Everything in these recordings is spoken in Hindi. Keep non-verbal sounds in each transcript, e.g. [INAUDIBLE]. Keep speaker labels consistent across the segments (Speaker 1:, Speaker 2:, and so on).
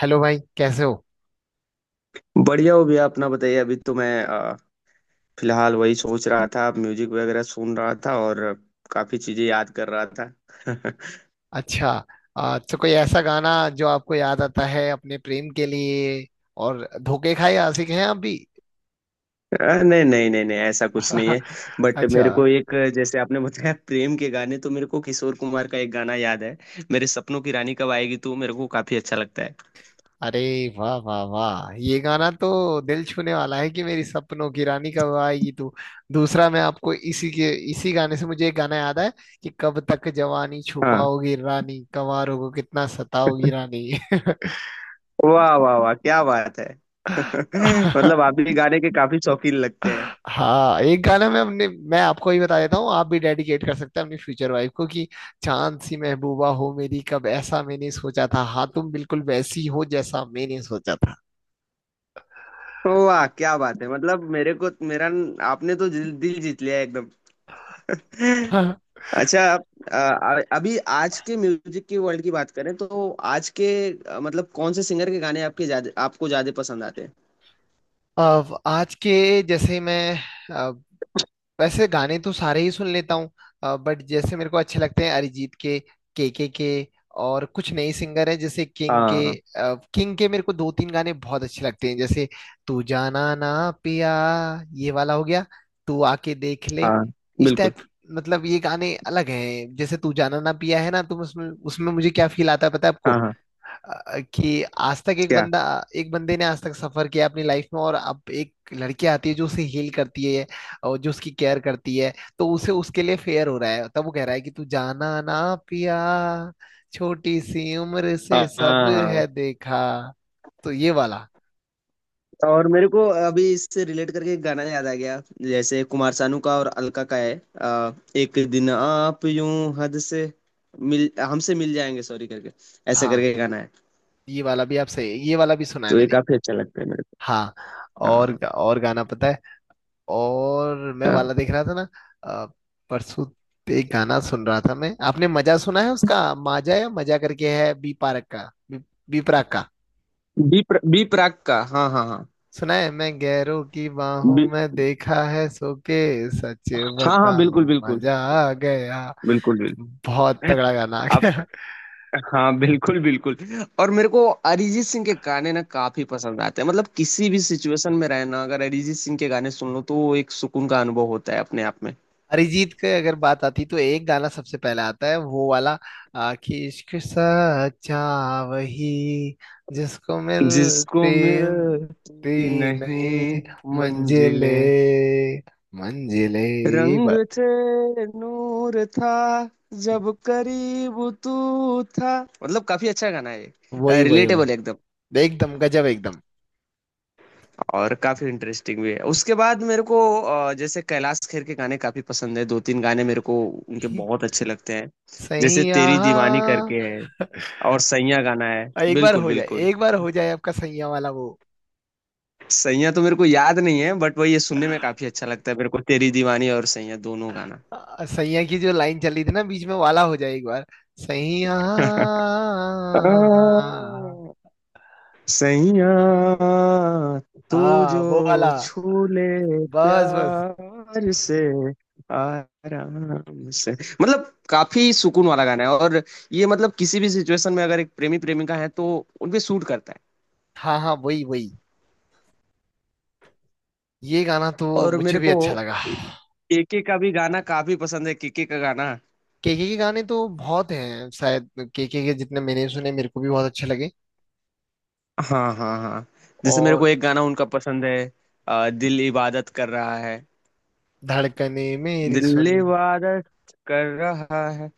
Speaker 1: हेलो भाई, कैसे हो।
Speaker 2: बढ़िया हो भैया। अपना बताइए। अभी तो मैं फिलहाल वही सोच रहा था, म्यूजिक वगैरह सुन रहा था और काफी चीजें याद कर रहा था। [LAUGHS]
Speaker 1: अच्छा। तो कोई ऐसा गाना जो आपको याद आता है अपने प्रेम के लिए, और धोखे खाए आशिक हैं आप भी।
Speaker 2: अ, नहीं नहीं नहीं नहीं, ऐसा कुछ नहीं है।
Speaker 1: [LAUGHS]
Speaker 2: बट
Speaker 1: अच्छा।
Speaker 2: मेरे को एक, जैसे आपने बताया प्रेम के गाने, तो मेरे को किशोर कुमार का एक गाना याद है। मेरे सपनों की रानी कब आएगी तू, मेरे को काफी अच्छा लगता है।
Speaker 1: अरे वाह वाह वाह, ये गाना तो दिल छूने वाला है कि मेरी सपनों की रानी कब आएगी तू। दूसरा, मैं आपको इसी के इसी गाने से मुझे एक गाना याद है कि कब तक जवानी
Speaker 2: हाँ।
Speaker 1: छुपाओगी रानी, कंवारों को कितना सताओगी
Speaker 2: [LAUGHS]
Speaker 1: रानी।
Speaker 2: वाह वाह वाह, क्या बात है। [LAUGHS] मतलब
Speaker 1: [LAUGHS]
Speaker 2: आप भी गाने के काफी शौकीन लगते हैं।
Speaker 1: हाँ, एक गाना मैं अपने मैं आपको ही बता देता हूँ, आप भी डेडिकेट कर सकते हैं अपनी फ्यूचर वाइफ को कि चांद सी महबूबा हो मेरी, कब ऐसा मैंने सोचा था, हाँ तुम बिल्कुल वैसी हो जैसा मैंने सोचा था।
Speaker 2: वाह क्या बात है। मतलब मेरे को मेरा आपने तो दिल जीत लिया एकदम।
Speaker 1: [LAUGHS]
Speaker 2: [LAUGHS] अच्छा आप, अभी आज के म्यूजिक की वर्ल्ड की बात करें तो आज के, मतलब कौन से सिंगर के गाने आपके ज्यादा, आपको ज्यादा पसंद आते हैं।
Speaker 1: अब आज के, जैसे मैं, वैसे गाने तो सारे ही सुन लेता हूँ, बट जैसे मेरे को अच्छे लगते हैं अरिजीत के, केके के, और कुछ नए सिंगर हैं जैसे किंग के।
Speaker 2: हाँ
Speaker 1: किंग के मेरे को दो तीन गाने बहुत अच्छे लगते हैं, जैसे तू जाना ना पिया, ये वाला हो गया, तू आके देख ले,
Speaker 2: हाँ।
Speaker 1: इस
Speaker 2: बिल्कुल।
Speaker 1: टाइप। मतलब ये गाने अलग हैं, जैसे तू जाना ना पिया है ना, तुम उसमें उसमें मुझे क्या फील आता है, पता है आपको।
Speaker 2: हाँ हाँ।
Speaker 1: कि आज तक एक
Speaker 2: क्या।
Speaker 1: बंदा, एक बंदे ने आज तक सफर किया अपनी लाइफ में, और अब एक लड़की आती है जो उसे हील करती है और जो उसकी केयर करती है, तो उसे उसके लिए फेयर हो रहा है, तब वो कह रहा है कि तू जाना ना पिया, छोटी सी उम्र
Speaker 2: हाँ
Speaker 1: से सब
Speaker 2: हाँ।
Speaker 1: है देखा। तो ये वाला।
Speaker 2: और मेरे को अभी इससे रिलेट करके एक गाना याद आ गया। जैसे कुमार सानू का और अलका का है, एक दिन आप यूं हद से मिल हमसे मिल जाएंगे सॉरी करके, ऐसा
Speaker 1: हाँ,
Speaker 2: करके गाना है।
Speaker 1: ये वाला भी, आपसे ये वाला भी सुना है
Speaker 2: तो ये
Speaker 1: मैंने।
Speaker 2: काफी अच्छा लगता है मेरे को।
Speaker 1: हाँ,
Speaker 2: हाँ
Speaker 1: और
Speaker 2: हाँ
Speaker 1: और गाना पता है। और मैं
Speaker 2: हाँ।
Speaker 1: वाला देख रहा था ना। अ, परसों एक गाना सुन रहा था मैं, आपने मजा सुना है उसका, माजा या मजा करके है, बी पार्क का, बी प्राक का।
Speaker 2: बी प्राक का। हाँ हाँ हाँ।
Speaker 1: सुना है, मैं गैरों की बाहों में देखा है सो के, सच
Speaker 2: हाँ हाँ बिल्कुल
Speaker 1: बताऊं
Speaker 2: बिल्कुल।
Speaker 1: मजा आ गया,
Speaker 2: बिल्कुल।
Speaker 1: बहुत
Speaker 2: बिल्कुल
Speaker 1: तगड़ा गाना आ
Speaker 2: आप।
Speaker 1: गया।
Speaker 2: हाँ बिल्कुल बिल्कुल। और मेरे को अरिजीत सिंह के गाने ना काफी पसंद आते हैं। मतलब किसी भी सिचुएशन में रहना, अगर अरिजीत सिंह के गाने सुन लो तो वो एक सुकून का अनुभव होता है अपने आप में।
Speaker 1: अरिजीत के अगर बात आती तो एक गाना सबसे पहले आता है, वो वाला। कि इश्क सच्चा, वही, जिसको
Speaker 2: जिसको
Speaker 1: मिलती,
Speaker 2: मिलती
Speaker 1: मिलती नहीं,
Speaker 2: नहीं
Speaker 1: मंजिले,
Speaker 2: मंजिलें।
Speaker 1: मंजिले, ये
Speaker 2: रंग
Speaker 1: बात,
Speaker 2: थे नूर था जब करीब तू था। मतलब काफी अच्छा गाना है।
Speaker 1: वही वही
Speaker 2: रिलेटेबल
Speaker 1: वही,
Speaker 2: एकदम।
Speaker 1: एकदम गजब, एकदम।
Speaker 2: और काफी इंटरेस्टिंग भी है। उसके बाद मेरे को, जैसे कैलाश खेर के गाने काफी पसंद है। दो तीन गाने मेरे को उनके बहुत अच्छे लगते हैं। जैसे
Speaker 1: सैया,
Speaker 2: तेरी दीवानी करके है, और सैया गाना है।
Speaker 1: और एक बार
Speaker 2: बिल्कुल
Speaker 1: हो जाए,
Speaker 2: बिल्कुल।
Speaker 1: एक बार हो जाए आपका सैया वाला वो।
Speaker 2: सैया तो मेरे को याद नहीं है, बट वही ये सुनने में काफी अच्छा लगता है मेरे को, तेरी दीवानी और सैया दोनों गाना।
Speaker 1: सैया की जो लाइन चली थी ना, बीच में वाला, हो जाए एक बार, सैया।
Speaker 2: [LAUGHS] सैया तू
Speaker 1: हाँ, वो वाला,
Speaker 2: जो छू ले
Speaker 1: बस बस।
Speaker 2: प्यार से आराम से। मतलब काफी सुकून वाला गाना है। और ये मतलब किसी भी सिचुएशन में अगर एक प्रेमी प्रेमिका है तो उनपे सूट करता है।
Speaker 1: हाँ हाँ, वही वही, ये गाना तो
Speaker 2: और
Speaker 1: मुझे
Speaker 2: मेरे
Speaker 1: भी
Speaker 2: को
Speaker 1: अच्छा लगा।
Speaker 2: केके का भी गाना काफी पसंद है। केके का गाना,
Speaker 1: केके के गाने तो बहुत हैं शायद, केके के जितने मैंने सुने मेरे को भी बहुत अच्छे लगे।
Speaker 2: हाँ हाँ हाँ, जैसे मेरे को
Speaker 1: और
Speaker 2: एक गाना उनका पसंद है, दिल इबादत कर रहा है।
Speaker 1: धड़कने मेरी
Speaker 2: दिल
Speaker 1: सुन।
Speaker 2: इबादत कर रहा है,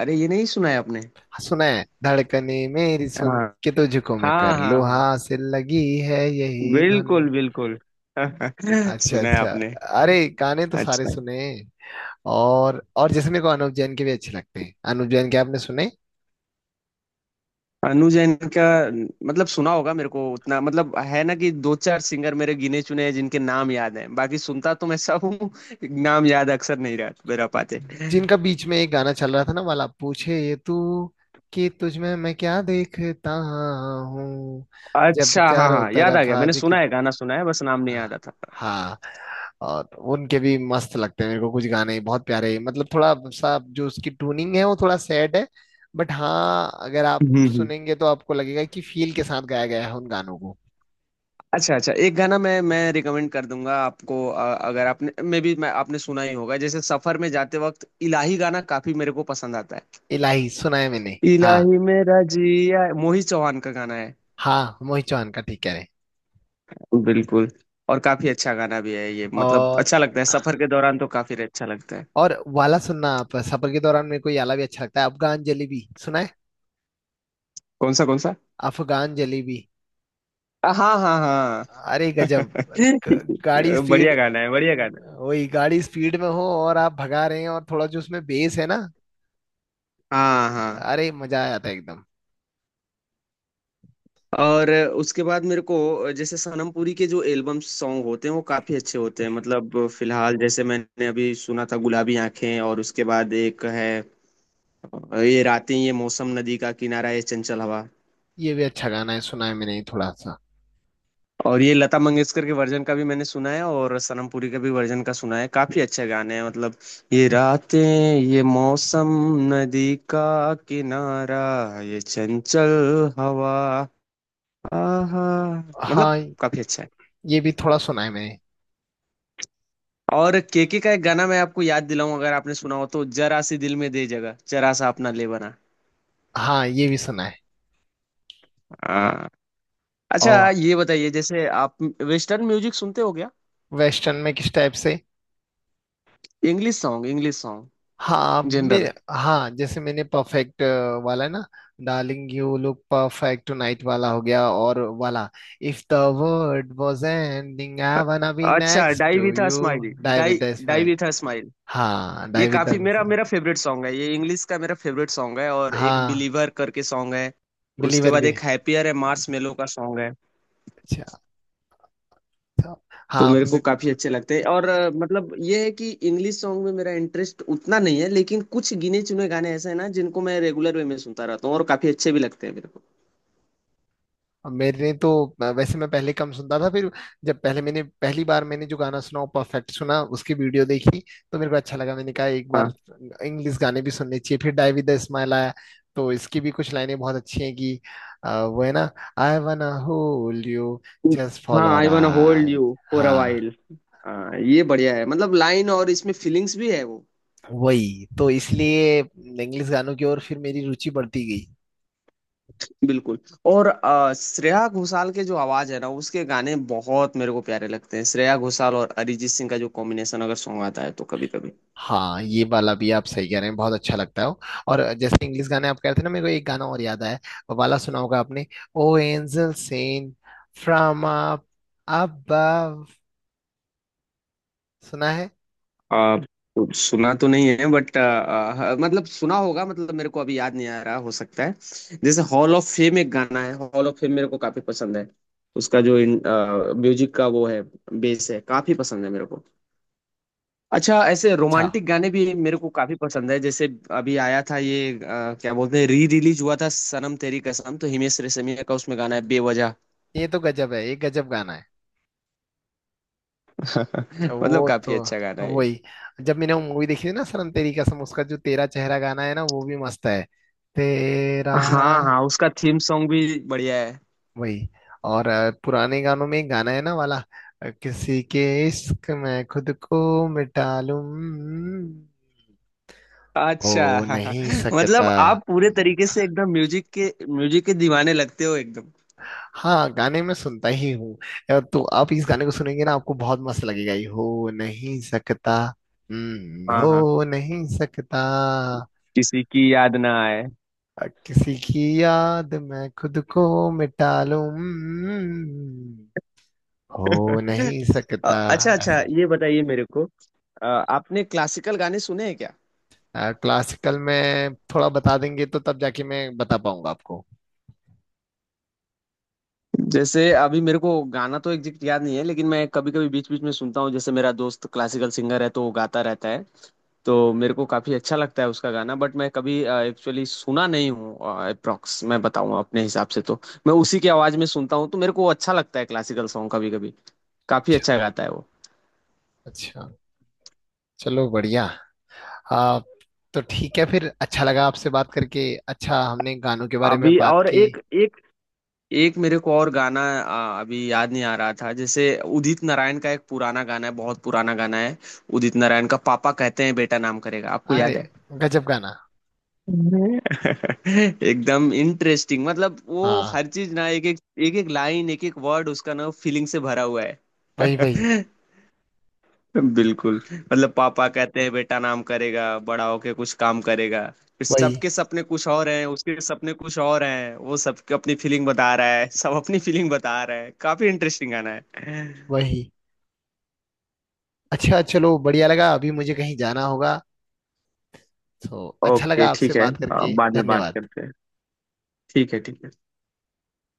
Speaker 2: अरे ये नहीं सुना है आपने?
Speaker 1: हाँ, सुना है, धड़कने मेरी सुन के तुझको मैं
Speaker 2: हाँ
Speaker 1: कर
Speaker 2: हाँ
Speaker 1: लूँ
Speaker 2: हाँ।
Speaker 1: हासिल, लगी है यही
Speaker 2: बिल्कुल
Speaker 1: धुन।
Speaker 2: बिल्कुल। [LAUGHS]
Speaker 1: अच्छा
Speaker 2: सुना है
Speaker 1: अच्छा।
Speaker 2: आपने?
Speaker 1: अरे, गाने तो सारे
Speaker 2: अच्छा।
Speaker 1: सुने। और जैसे मेरे को अनुव जैन के भी अच्छे लगते हैं, अनुव जैन के आपने सुने।
Speaker 2: अनु जैन का, मतलब सुना होगा, मेरे को उतना मतलब है ना कि दो चार सिंगर मेरे गिने चुने हैं जिनके नाम याद हैं, बाकी सुनता तो मैं सब हूँ, नाम याद अक्सर नहीं रह मेरा पाते।
Speaker 1: जिनका बीच में एक गाना चल रहा था ना वाला, पूछे ये तू, कि तुझ में मैं क्या देखता हूँ। जब
Speaker 2: अच्छा हाँ
Speaker 1: चारों
Speaker 2: हाँ याद आ
Speaker 1: तरफ
Speaker 2: गया। मैंने
Speaker 1: आज कि,
Speaker 2: सुना है गाना, सुना है, बस नाम नहीं
Speaker 1: हाँ,
Speaker 2: याद आता।
Speaker 1: हाँ, और उनके भी मस्त लगते हैं मेरे को, कुछ गाने बहुत प्यारे, मतलब थोड़ा सा जो उसकी ट्यूनिंग है वो थोड़ा सैड है, बट हाँ अगर आप
Speaker 2: हम्म हम्म।
Speaker 1: सुनेंगे तो आपको लगेगा कि फील के साथ गाया गया है उन गानों को।
Speaker 2: अच्छा अच्छा, एक गाना मैं रिकमेंड कर दूंगा आपको, अगर आपने मे भी मैं आपने सुना ही होगा, जैसे सफर में जाते वक्त इलाही गाना काफी मेरे को पसंद आता है।
Speaker 1: इलाही सुना है मैंने। हाँ,
Speaker 2: इलाही मेरा जिया, मोहित चौहान का गाना है।
Speaker 1: हाँ, मोहित चौहान का ठीक कह रहे हैं।
Speaker 2: बिल्कुल। और काफी अच्छा गाना भी है ये। मतलब
Speaker 1: और
Speaker 2: अच्छा लगता है सफर के दौरान, तो काफी अच्छा लगता है।
Speaker 1: और वाला सुनना आप सफर के दौरान, मेरे को ये वाला भी अच्छा लगता है, अफगान जलेबी सुना है।
Speaker 2: कौन सा कौन सा?
Speaker 1: अफगान जलेबी,
Speaker 2: हाँ हाँ
Speaker 1: अरे गजब,
Speaker 2: हाँ। [LAUGHS]
Speaker 1: ग- गाड़ी
Speaker 2: बढ़िया
Speaker 1: स्पीड,
Speaker 2: गाना है, बढ़िया गाना
Speaker 1: वही गाड़ी स्पीड में हो और आप भगा रहे हैं, और थोड़ा जो उसमें बेस है ना,
Speaker 2: है। हाँ हाँ।
Speaker 1: अरे मजा आ जाता है एकदम।
Speaker 2: और उसके बाद मेरे को, जैसे सनम पुरी के जो एल्बम सॉन्ग होते हैं वो काफी अच्छे होते हैं। मतलब फिलहाल जैसे मैंने अभी सुना था गुलाबी आंखें, और उसके बाद एक है ये रातें ये मौसम नदी का किनारा ये चंचल हवा।
Speaker 1: ये भी अच्छा गाना है, सुना है मैंने थोड़ा सा।
Speaker 2: और ये लता मंगेशकर के वर्जन का भी मैंने सुना है, और सनम पुरी के भी वर्जन का सुना है। काफी अच्छे गाने हैं मतलब। ये रातें ये मौसम नदी का किनारा ये चंचल हवा, आहा। मतलब
Speaker 1: हाँ,
Speaker 2: काफी अच्छा है।
Speaker 1: ये भी थोड़ा सुना है मैंने।
Speaker 2: और केके का एक गाना मैं आपको याद दिलाऊं अगर आपने सुना हो तो, जरा सी दिल में दे जगह जरा सा अपना ले बना।
Speaker 1: हाँ, ये भी सुना है।
Speaker 2: आ, अच्छा
Speaker 1: और
Speaker 2: ये बताइए, जैसे आप वेस्टर्न म्यूजिक सुनते हो क्या?
Speaker 1: वेस्टर्न में किस टाइप से।
Speaker 2: इंग्लिश सॉन्ग
Speaker 1: हाँ
Speaker 2: जनरल।
Speaker 1: मेरे, हाँ जैसे मैंने परफेक्ट वाला है ना, darling you look perfect tonight वाला हो गया, और वाला, if the world was ending I wanna be
Speaker 2: अच्छा
Speaker 1: next
Speaker 2: die
Speaker 1: to
Speaker 2: with a
Speaker 1: you.
Speaker 2: Smile.
Speaker 1: Die
Speaker 2: die,
Speaker 1: with the
Speaker 2: die
Speaker 1: smile.
Speaker 2: With a smile.
Speaker 1: हाँ,
Speaker 2: ये
Speaker 1: डाई विद
Speaker 2: काफी
Speaker 1: द,
Speaker 2: मेरा मेरा फेवरेट सॉन्ग है, ये इंग्लिश का मेरा फेवरेट सॉन्ग है। और एक
Speaker 1: हाँ,
Speaker 2: बिलीवर करके सॉन्ग है। उसके
Speaker 1: बिलीवर
Speaker 2: बाद
Speaker 1: भी।
Speaker 2: एक हैप्पियर है, मार्स मेलो का सॉन्ग है।
Speaker 1: अच्छा। अच्छा।
Speaker 2: तो
Speaker 1: हाँ।
Speaker 2: मेरे को काफी अच्छे लगते हैं। और मतलब ये है कि इंग्लिश सॉन्ग में मेरा इंटरेस्ट उतना नहीं है, लेकिन कुछ गिने चुने गाने ऐसे हैं ना जिनको मैं रेगुलर वे में सुनता रहता हूँ, और काफी अच्छे भी लगते हैं मेरे को।
Speaker 1: अब मेरे तो, वैसे मैं पहले कम सुनता था, फिर जब पहले मैंने पहली बार मैंने जो गाना सुना वो परफेक्ट सुना, उसकी वीडियो देखी, तो मेरे को अच्छा लगा, मैंने कहा एक बार
Speaker 2: हाँ
Speaker 1: इंग्लिश गाने भी सुनने चाहिए, फिर डाई विद द स्माइल आया, तो इसकी भी कुछ लाइनें बहुत अच्छी हैं कि, वो है ना, I wanna hold you, just
Speaker 2: हाँ,
Speaker 1: follow
Speaker 2: I wanna hold
Speaker 1: right.
Speaker 2: You for a
Speaker 1: हाँ,
Speaker 2: वाइल। हाँ ये बढ़िया है, मतलब लाइन और इसमें फीलिंग्स भी है वो।
Speaker 1: वही तो इसलिए इंग्लिश गानों की ओर फिर मेरी रुचि बढ़ती।
Speaker 2: बिल्कुल। और श्रेया घोषाल के जो आवाज है ना उसके गाने बहुत मेरे को प्यारे लगते हैं। श्रेया घोषाल और अरिजीत सिंह का जो कॉम्बिनेशन अगर सॉन्ग आता है तो कभी कभी।
Speaker 1: हाँ, ये वाला भी आप सही कह रहे हैं, बहुत अच्छा लगता है वो। और जैसे इंग्लिश गाने आप कह रहे थे ना, मेरे को एक गाना और याद आया, वो वाला सुना होगा आपने, O angel sent from up above, सुना है।
Speaker 2: अ, सुना तो नहीं है, बट मतलब सुना होगा, मतलब मेरे को अभी याद नहीं आ रहा, हो सकता है। जैसे हॉल ऑफ फेम एक गाना है, हॉल ऑफ फेम मेरे को काफी पसंद है। उसका जो म्यूजिक का वो है बेस है, काफी पसंद है मेरे को। अच्छा ऐसे
Speaker 1: अच्छा,
Speaker 2: रोमांटिक गाने भी मेरे को काफी पसंद है। जैसे अभी आया था ये, क्या बोलते हैं, री रिलीज हुआ था सनम तेरी कसम, तो हिमेश रेशमिया का उसमें गाना है बेवजह।
Speaker 1: ये तो गजब है, ये गजब गाना है।
Speaker 2: [LAUGHS] मतलब
Speaker 1: वो तो,
Speaker 2: काफी अच्छा गाना है ये।
Speaker 1: वही, जब मैंने वो मूवी देखी थी ना सनम तेरी कसम, उसका जो तेरा चेहरा गाना है ना वो भी मस्त है, तेरा,
Speaker 2: हाँ हाँ उसका थीम सॉन्ग भी बढ़िया है।
Speaker 1: वही। और पुराने गानों में एक गाना है ना वाला, किसी के इश्क में खुद को मिटा लूं,
Speaker 2: अच्छा।
Speaker 1: हो नहीं
Speaker 2: [LAUGHS] मतलब
Speaker 1: सकता।
Speaker 2: आप पूरे तरीके से एकदम म्यूजिक के दीवाने लगते हो एकदम।
Speaker 1: हाँ, गाने में सुनता ही हूँ। तो आप इस गाने को सुनेंगे ना आपको बहुत मस्त लगेगा, ये हो नहीं सकता।
Speaker 2: हाँ हाँ।
Speaker 1: हो नहीं सकता।
Speaker 2: किसी की याद ना आए। [LAUGHS]
Speaker 1: किसी की याद में खुद को मिटा लूं, हो नहीं सकता।
Speaker 2: अच्छा अच्छा ये बताइए मेरे को, आपने क्लासिकल गाने सुने हैं क्या?
Speaker 1: क्लासिकल में थोड़ा बता देंगे तो तब जाके मैं बता पाऊंगा आपको।
Speaker 2: जैसे अभी मेरे को गाना तो एग्जैक्ट याद नहीं है, लेकिन मैं कभी कभी बीच बीच में सुनता हूँ। जैसे मेरा दोस्त क्लासिकल सिंगर है तो वो गाता रहता है, तो मेरे को काफी अच्छा लगता है उसका गाना, बट मैं कभी एक्चुअली सुना नहीं हूँ। अप्रोक्स मैं बताऊँ अपने हिसाब से तो, मैं उसी की आवाज में सुनता हूँ तो मेरे को अच्छा लगता है क्लासिकल सॉन्ग कभी कभी। काफी
Speaker 1: अच्छा
Speaker 2: अच्छा गाता है वो।
Speaker 1: अच्छा, चलो बढ़िया। आ, तो ठीक है फिर, अच्छा लगा आपसे बात करके। अच्छा, हमने गानों के बारे में
Speaker 2: अभी
Speaker 1: बात
Speaker 2: और
Speaker 1: की।
Speaker 2: एक एक एक मेरे को और गाना अभी याद नहीं आ रहा था। जैसे उदित नारायण का एक पुराना गाना है, बहुत पुराना गाना है, उदित नारायण का, पापा कहते हैं बेटा नाम करेगा, आपको
Speaker 1: अरे
Speaker 2: याद है?
Speaker 1: गजब गाना।
Speaker 2: [LAUGHS] एकदम इंटरेस्टिंग मतलब वो
Speaker 1: हाँ,
Speaker 2: हर चीज ना, एक एक लाइन एक एक वर्ड उसका ना फीलिंग से भरा हुआ है।
Speaker 1: वही वही
Speaker 2: [LAUGHS] बिल्कुल। मतलब पापा कहते हैं बेटा नाम करेगा बड़ा होके कुछ काम करेगा, फिर
Speaker 1: वही,
Speaker 2: सबके सपने कुछ और हैं उसके सपने कुछ और हैं, वो सबके अपनी फीलिंग बता रहा है, सब अपनी फीलिंग बता रहा है। काफी इंटरेस्टिंग गाना है।
Speaker 1: वही। अच्छा, चलो बढ़िया लगा, अभी मुझे कहीं जाना होगा, तो अच्छा
Speaker 2: ओके
Speaker 1: लगा आपसे
Speaker 2: ठीक है,
Speaker 1: बात करके,
Speaker 2: बाद में बात
Speaker 1: धन्यवाद।
Speaker 2: करते हैं। ठीक है ठीक है।